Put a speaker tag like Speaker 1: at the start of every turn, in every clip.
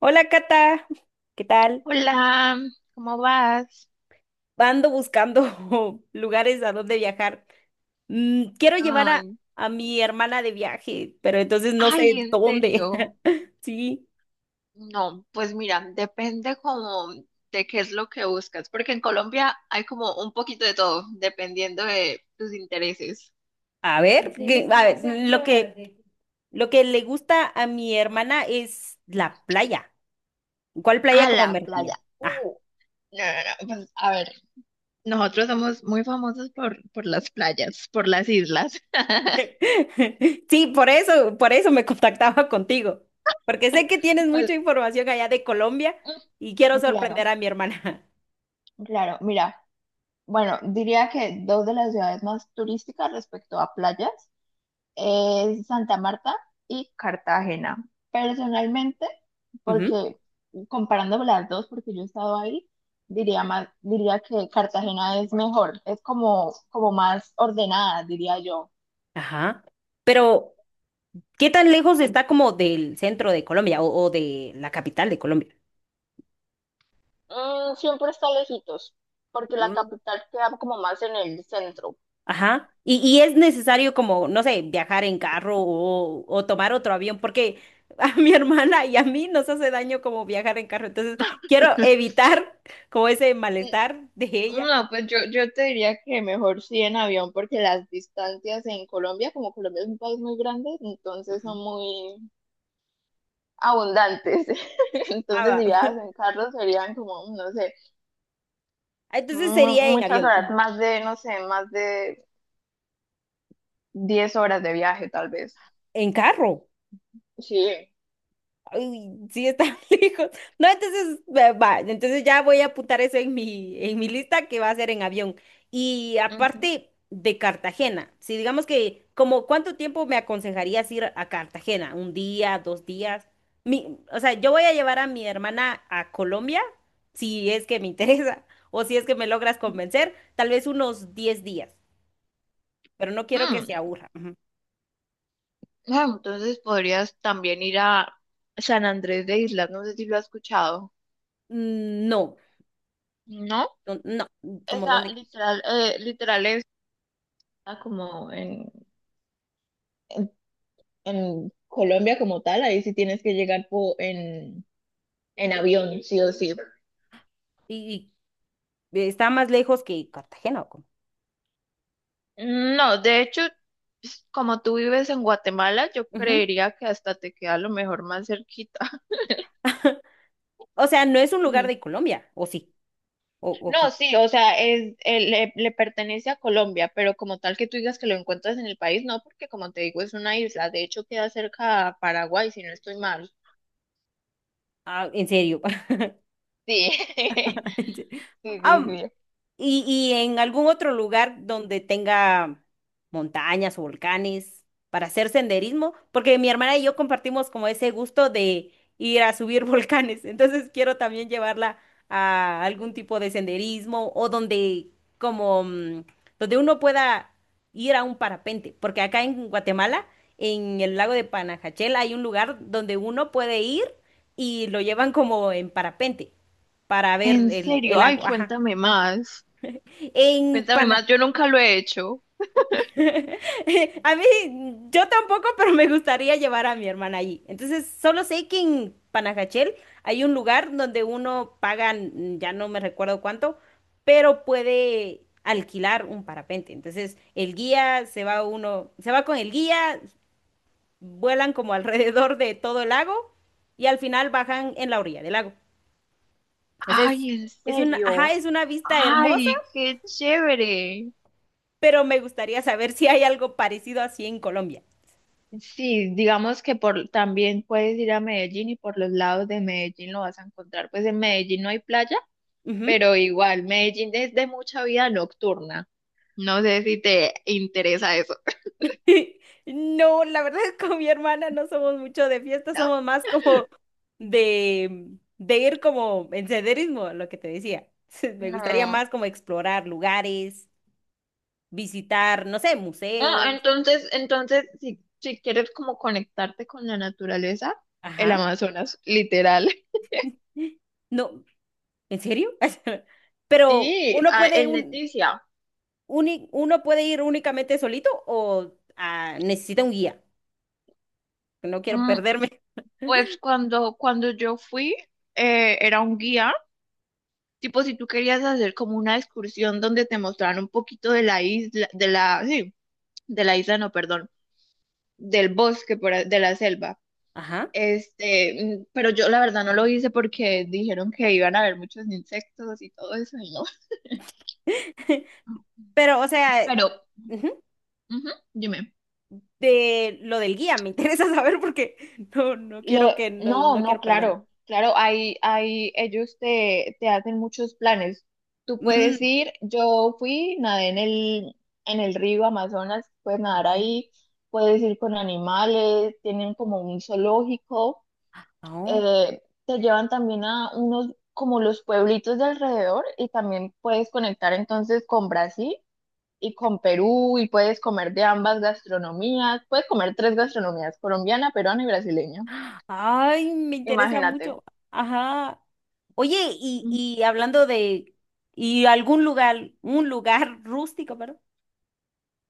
Speaker 1: Hola Cata, ¿qué tal?
Speaker 2: Hola, ¿cómo vas?
Speaker 1: Ando buscando lugares a donde viajar. Quiero llevar a,
Speaker 2: Ay,
Speaker 1: a mi hermana de viaje, pero entonces no sé
Speaker 2: ay, en
Speaker 1: dónde.
Speaker 2: serio.
Speaker 1: Sí,
Speaker 2: No, pues mira, depende como de qué es lo que buscas, porque en Colombia hay como un poquito de todo, dependiendo de tus intereses.
Speaker 1: a ver, a ver, lo que, lo que le gusta a mi hermana es la playa. ¿Cuál
Speaker 2: A
Speaker 1: playa
Speaker 2: la
Speaker 1: como me
Speaker 2: playa.
Speaker 1: recomienda? Ah.
Speaker 2: No, no, no, pues a ver, nosotros somos muy famosos por las playas, por las islas.
Speaker 1: Sí, por eso me contactaba contigo, porque sé que tienes
Speaker 2: Pues,
Speaker 1: mucha información allá de Colombia y quiero
Speaker 2: claro,
Speaker 1: sorprender a mi hermana.
Speaker 2: claro. Mira, bueno, diría que dos de las ciudades más turísticas respecto a playas es Santa Marta y Cartagena. Personalmente,
Speaker 1: Ujú.
Speaker 2: porque comparando las dos, porque yo he estado ahí, diría más, diría que Cartagena es mejor, es como, como más ordenada, diría yo.
Speaker 1: Ajá. Pero, ¿qué tan lejos está como del centro de Colombia o de la capital de Colombia?
Speaker 2: Siempre está lejitos, porque la
Speaker 1: Mm,
Speaker 2: capital queda como más en el centro.
Speaker 1: ajá. Y es necesario como, no sé, viajar en carro o tomar otro avión, porque a mi hermana y a mí nos hace daño como viajar en carro. Entonces, quiero evitar como ese malestar de ella.
Speaker 2: No, pues yo te diría que mejor sí en avión, porque las distancias en Colombia, como Colombia es un país muy grande, entonces
Speaker 1: Ujú.
Speaker 2: son muy, abundantes. Entonces,
Speaker 1: Ah, va.
Speaker 2: si viajas en carro, serían como, no sé,
Speaker 1: Entonces sería en
Speaker 2: muchas
Speaker 1: avión,
Speaker 2: horas, más de, no sé, más de 10 horas de viaje, tal vez.
Speaker 1: en carro.
Speaker 2: Sí.
Speaker 1: Ay, sí, está lejos. No, entonces, va, entonces ya voy a apuntar eso en mi lista que va a ser en avión. Y
Speaker 2: Ujú.
Speaker 1: aparte de Cartagena, si digamos que, como cuánto tiempo me aconsejarías ir a Cartagena, un día, dos días. O sea, yo voy a llevar a mi hermana a Colombia, si es que me interesa, o si es que me logras convencer, tal vez unos 10 días, pero no quiero que
Speaker 2: Mm,
Speaker 1: se aburra. Ujú.
Speaker 2: Entonces podrías también ir a San Andrés de Islas, no sé si lo has escuchado,
Speaker 1: Mm, no,
Speaker 2: ¿no?
Speaker 1: no, no, como
Speaker 2: Esa
Speaker 1: dónde.
Speaker 2: literal, literal es ah, como en, en Colombia como tal, ahí sí tienes que llegar en avión, sí o sí.
Speaker 1: y, ¿Está más lejos que Cartagena, o cómo?
Speaker 2: No, de hecho, pues, como tú vives en Guatemala, yo
Speaker 1: Ujú.
Speaker 2: creería que hasta te queda a lo mejor más cerquita.
Speaker 1: O sea, no es un lugar
Speaker 2: Ujú.
Speaker 1: de Colombia, ¿o sí? ¿O
Speaker 2: No,
Speaker 1: cómo?
Speaker 2: sí, o sea, es, le pertenece a Colombia, pero como tal que tú digas que lo encuentras en el país, no, porque como te digo, es una isla. De hecho, queda cerca a Paraguay, si no estoy mal.
Speaker 1: Ah, en serio.
Speaker 2: Sí, sí, sí,
Speaker 1: Ah,
Speaker 2: sí.
Speaker 1: y en algún otro lugar donde tenga montañas o volcanes para hacer senderismo, porque mi hermana y yo compartimos como ese gusto de ir a subir volcanes, entonces quiero también llevarla a algún tipo de senderismo o como mm, donde uno pueda ir a un parapente, porque acá en Guatemala, en el lago de Panajachel hay un lugar donde uno puede ir y lo llevan como en parapente para ver
Speaker 2: En
Speaker 1: el
Speaker 2: serio, ay,
Speaker 1: lago, ajá.
Speaker 2: cuéntame más.
Speaker 1: En
Speaker 2: Cuéntame
Speaker 1: Panamá.
Speaker 2: más, yo nunca lo he hecho.
Speaker 1: A mí, yo tampoco, pero me gustaría llevar a mi hermana allí. Entonces, solo sé que en Panajachel hay un lugar donde uno paga, ya no me recuerdo cuánto, pero puede alquilar un parapente. Entonces, el guía se va uno, se va con el guía, vuelan como alrededor de todo el lago y al final bajan en la orilla del lago. Entonces,
Speaker 2: Ay, en
Speaker 1: es una, ajá,
Speaker 2: serio.
Speaker 1: es una vista hermosa,
Speaker 2: Ay, qué chévere.
Speaker 1: pero me gustaría saber si hay algo parecido así en Colombia.
Speaker 2: Sí, digamos que por también puedes ir a Medellín y por los lados de Medellín lo vas a encontrar. Pues en Medellín no hay playa,
Speaker 1: Ujú.
Speaker 2: pero igual, Medellín es de mucha vida nocturna. No sé si te interesa eso.
Speaker 1: No, la verdad es que con mi hermana no somos mucho de fiesta,
Speaker 2: ¿No?
Speaker 1: somos más como de, de, ir como en senderismo, lo que te decía. Me gustaría
Speaker 2: No.
Speaker 1: más como explorar lugares, visitar, no sé,
Speaker 2: Ah,
Speaker 1: museos.
Speaker 2: entonces, entonces, si, si quieres como conectarte con la naturaleza, el
Speaker 1: Ajá.
Speaker 2: Amazonas, literal.
Speaker 1: No, ¿en serio? Pero
Speaker 2: Sí,
Speaker 1: uno
Speaker 2: ah,
Speaker 1: puede,
Speaker 2: en
Speaker 1: un,
Speaker 2: Leticia.
Speaker 1: uni- uno puede ir únicamente solito o necesita un guía. No quiero
Speaker 2: Mm,
Speaker 1: perderme.
Speaker 2: Pues cuando yo fui, era un guía. Tipo, si tú querías hacer como una excursión donde te mostraran un poquito de la isla, de la, sí, de la isla, no, perdón, del bosque, de la selva.
Speaker 1: Ajá.
Speaker 2: Este, pero yo la verdad no lo hice porque dijeron que iban a haber muchos insectos y todo eso, y no.
Speaker 1: Pero, o sea,
Speaker 2: Pero,
Speaker 1: ujú.
Speaker 2: ujú, dime.
Speaker 1: De lo del guía, me interesa saber porque no, no
Speaker 2: Lo,
Speaker 1: quiero que no,
Speaker 2: no,
Speaker 1: no
Speaker 2: no,
Speaker 1: quiero perder.
Speaker 2: claro, claro, hay, ellos te hacen muchos planes. Tú puedes
Speaker 1: Mm,
Speaker 2: ir, yo fui, nadé en el río Amazonas, puedes nadar
Speaker 1: ujú.
Speaker 2: ahí, puedes ir con animales, tienen como un zoológico,
Speaker 1: Oh.
Speaker 2: te llevan también a unos, como los pueblitos de alrededor y también puedes conectar entonces con Brasil y con Perú y puedes comer de ambas gastronomías, puedes comer tres gastronomías, colombiana, peruana y brasileña,
Speaker 1: Ay, me interesa
Speaker 2: imagínate.
Speaker 1: mucho. Ajá. Oye, y,
Speaker 2: Ujú.
Speaker 1: y hablando de y algún lugar, un lugar rústico, ¿verdad?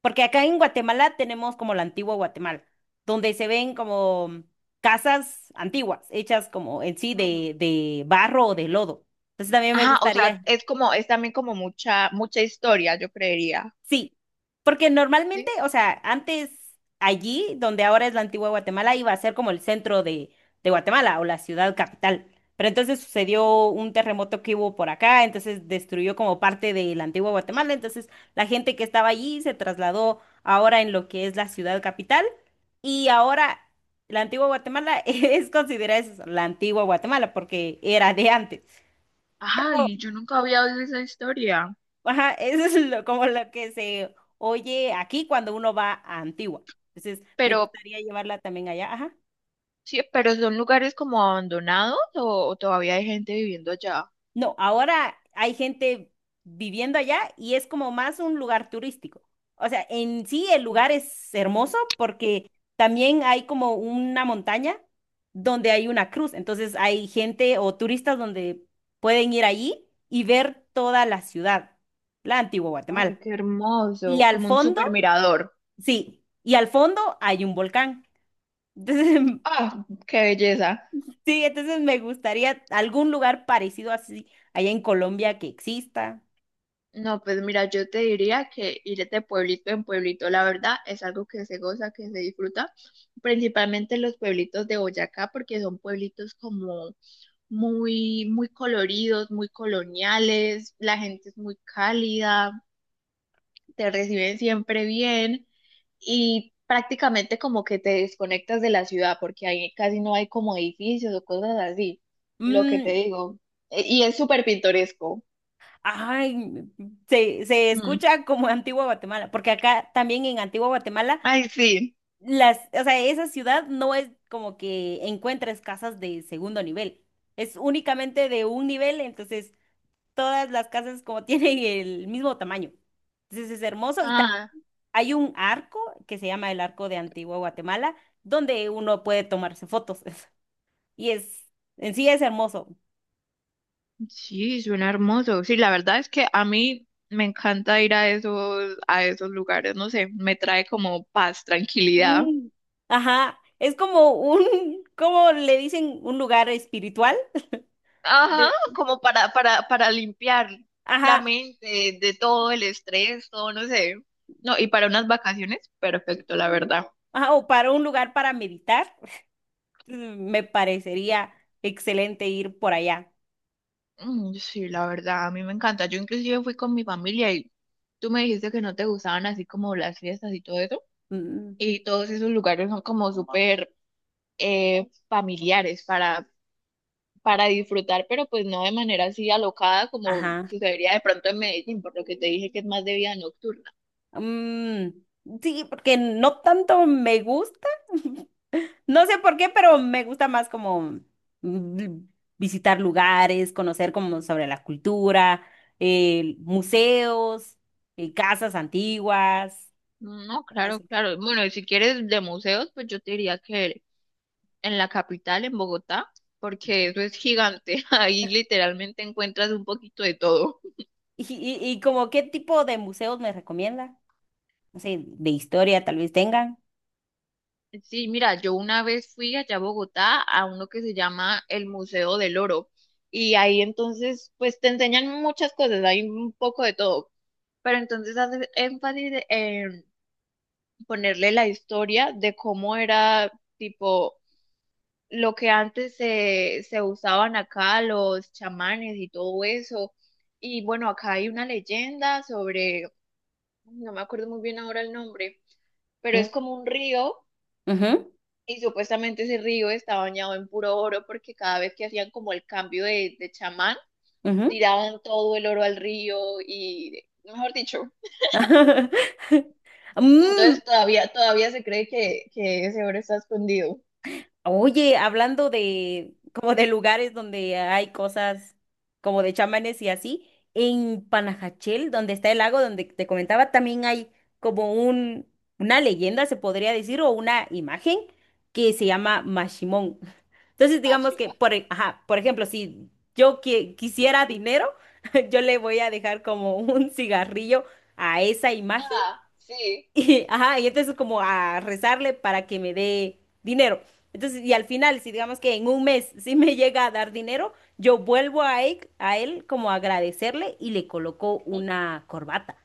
Speaker 1: Porque acá en Guatemala tenemos como la antigua Guatemala, donde se ven como casas antiguas, hechas como en sí de, barro o de lodo. Entonces también me
Speaker 2: Ah, o
Speaker 1: gustaría.
Speaker 2: sea, es como, es también como mucha, mucha historia, yo creería.
Speaker 1: Sí, porque normalmente,
Speaker 2: ¿Sí?
Speaker 1: o sea, antes allí, donde ahora es la antigua Guatemala, iba a ser como el centro de Guatemala o la ciudad capital. Pero entonces sucedió un terremoto que hubo por acá, entonces destruyó como parte de la antigua Guatemala. Entonces la gente que estaba allí se trasladó ahora en lo que es la ciudad capital. Y ahora la antigua Guatemala es considerada eso, la antigua Guatemala porque era de antes.
Speaker 2: Ay, yo nunca había oído esa historia.
Speaker 1: Ajá, eso es como lo que se oye aquí cuando uno va a Antigua. Entonces, me
Speaker 2: Pero,
Speaker 1: gustaría llevarla también allá. Ajá.
Speaker 2: sí, pero son lugares como abandonados o todavía hay gente viviendo allá.
Speaker 1: No, ahora hay gente viviendo allá y es como más un lugar turístico. O sea, en sí el lugar es hermoso porque también hay como una montaña donde hay una cruz. Entonces, hay gente o turistas donde pueden ir allí y ver toda la ciudad, la Antigua
Speaker 2: Ay,
Speaker 1: Guatemala.
Speaker 2: qué
Speaker 1: Y
Speaker 2: hermoso,
Speaker 1: al
Speaker 2: como un
Speaker 1: fondo,
Speaker 2: super mirador.
Speaker 1: sí, y al fondo hay un volcán. Entonces,
Speaker 2: Ah, qué belleza.
Speaker 1: sí, entonces me gustaría algún lugar parecido así allá en Colombia que exista.
Speaker 2: No, pues mira, yo te diría que ir de pueblito en pueblito, la verdad, es algo que se goza, que se disfruta, principalmente los pueblitos de Boyacá, porque son pueblitos como muy, muy coloridos, muy coloniales, la gente es muy cálida, te reciben siempre bien y prácticamente como que te desconectas de la ciudad, porque ahí casi no hay como edificios o cosas así, lo que te
Speaker 1: Mm,
Speaker 2: digo. Y es súper pintoresco.
Speaker 1: ay, se
Speaker 2: Mm.
Speaker 1: escucha como Antigua Guatemala, porque acá también en Antigua Guatemala,
Speaker 2: Ay, sí.
Speaker 1: o sea, esa ciudad no es como que encuentres casas de segundo nivel, es únicamente de un nivel, entonces todas las casas como tienen el mismo tamaño. Entonces es hermoso y
Speaker 2: Ah.
Speaker 1: hay un arco que se llama el Arco de Antigua Guatemala donde uno puede tomarse fotos. y es, en sí es hermoso.
Speaker 2: Sí, suena hermoso. Sí, la verdad es que a mí me encanta ir a esos lugares. No sé, me trae como paz, tranquilidad.
Speaker 1: Mm, ajá, es como un, ¿cómo le dicen? Un lugar espiritual.
Speaker 2: Ajá,
Speaker 1: de-
Speaker 2: como para limpiar la
Speaker 1: Ajá,
Speaker 2: mente de todo el estrés, todo, no sé. No, y para unas vacaciones, perfecto, la verdad.
Speaker 1: ajá, o para un lugar para meditar. Me parecería excelente ir por allá.
Speaker 2: Mm, sí, la verdad, a mí me encanta. Yo inclusive fui con mi familia y tú me dijiste que no te gustaban así como las fiestas y todo eso.
Speaker 1: Mm,
Speaker 2: Y todos esos lugares son como súper familiares para disfrutar, pero pues no de manera así alocada como
Speaker 1: ajá.
Speaker 2: sucedería de pronto en Medellín, por lo que te dije que es más de vida nocturna.
Speaker 1: Mm, sí, porque no tanto me gusta, no sé por qué, pero me gusta más como mm, visitar lugares, conocer como sobre la cultura, museos, casas antiguas.
Speaker 2: No, claro,
Speaker 1: Eso.
Speaker 2: claro. Bueno, y si quieres de museos, pues yo te diría que en la capital, en Bogotá, porque eso es gigante. Ahí literalmente encuentras un poquito de todo.
Speaker 1: Y como qué tipo de museos me recomienda? No sé, de historia tal vez tengan.
Speaker 2: Sí, mira, yo una vez fui allá a Bogotá a uno que se llama el Museo del Oro. Y ahí entonces, pues te enseñan muchas cosas, hay un poco de todo. Pero entonces hace énfasis en ponerle la historia de cómo era tipo lo que antes se usaban acá, los chamanes y todo eso. Y bueno, acá hay una leyenda sobre, no me acuerdo muy bien ahora el nombre, pero
Speaker 1: Mm,
Speaker 2: es como un río
Speaker 1: ujú,
Speaker 2: y supuestamente ese río está bañado en puro oro porque cada vez que hacían como el cambio de chamán,
Speaker 1: ujú.
Speaker 2: tiraban todo el oro al río y, mejor dicho,
Speaker 1: Mm,
Speaker 2: entonces todavía se cree que ese oro está escondido.
Speaker 1: oye, hablando de como de lugares donde hay cosas como de chamanes y así, en Panajachel, donde está el lago donde te comentaba, también hay como un una leyenda, se podría decir, o una imagen que se llama Mashimón. Entonces, digamos que por ejemplo, si yo quisiera dinero, yo le voy a dejar como un cigarrillo a esa imagen
Speaker 2: Ah, sí.
Speaker 1: y entonces como a rezarle para que me dé dinero. Entonces, y al final, si digamos que en un mes sí me llega a dar dinero, yo vuelvo a él como a agradecerle y le coloco
Speaker 2: Ujú.
Speaker 1: una corbata.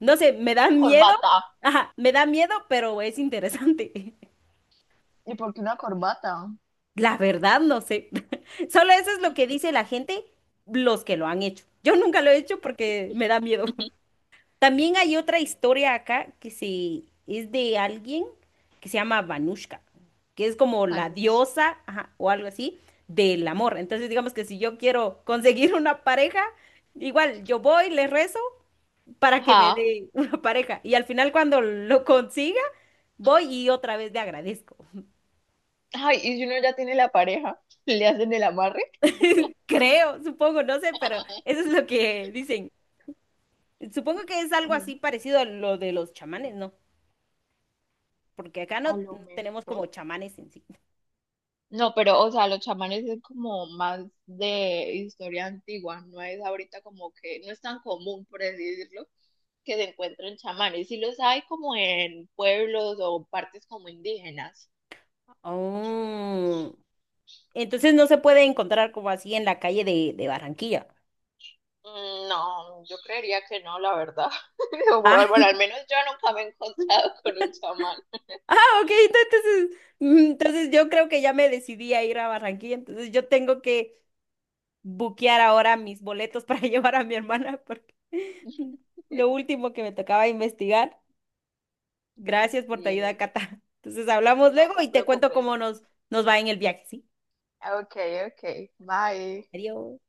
Speaker 1: No sé, me da
Speaker 2: Una
Speaker 1: miedo,
Speaker 2: corbata.
Speaker 1: ajá, me da miedo, pero es interesante.
Speaker 2: ¿Y por qué una corbata?
Speaker 1: La verdad, no sé. Solo eso es lo que dice la gente, los que lo han hecho. Yo nunca lo he hecho porque me da miedo. También hay otra historia acá es de alguien que se llama Vanushka, que es como
Speaker 2: Ah,
Speaker 1: la
Speaker 2: no.
Speaker 1: diosa, ajá, o algo así, del amor. Entonces, digamos que si yo quiero conseguir una pareja, igual yo voy, le rezo para que me
Speaker 2: Ajá.
Speaker 1: dé una pareja. Y al final, cuando lo consiga, voy y otra vez le agradezco.
Speaker 2: Ay, y si uno ya tiene la pareja, le hacen el amarre.
Speaker 1: Creo, supongo, no sé, pero eso es lo que dicen. Supongo que es algo
Speaker 2: Mm,
Speaker 1: así parecido a lo de los chamanes, ¿no? Porque acá no
Speaker 2: a lo
Speaker 1: tenemos como
Speaker 2: mejor.
Speaker 1: chamanes en sí.
Speaker 2: No, pero, o sea, los chamanes es como más de historia antigua, no es ahorita como que, no es tan común, por así decirlo, que se encuentren chamanes. Sí los hay como en pueblos o partes como indígenas.
Speaker 1: Oh. Entonces no se puede encontrar como así en la calle de, Barranquilla.
Speaker 2: Mm, no, yo creería que no, la verdad. O
Speaker 1: Ah,
Speaker 2: bueno, bueno, al menos yo nunca me he encontrado con un chamán.
Speaker 1: ah, ok, entonces, entonces yo creo que ya me decidí a ir a Barranquilla, entonces yo tengo que buquear ahora mis boletos para llevar a mi hermana porque lo último que me tocaba investigar. Gracias por tu ayuda,
Speaker 2: Sí,
Speaker 1: Cata. Entonces hablamos
Speaker 2: no
Speaker 1: luego
Speaker 2: te
Speaker 1: y te cuento
Speaker 2: preocupes.
Speaker 1: cómo nos, va en el viaje, ¿sí?
Speaker 2: Ok, ok, bye.
Speaker 1: Adiós.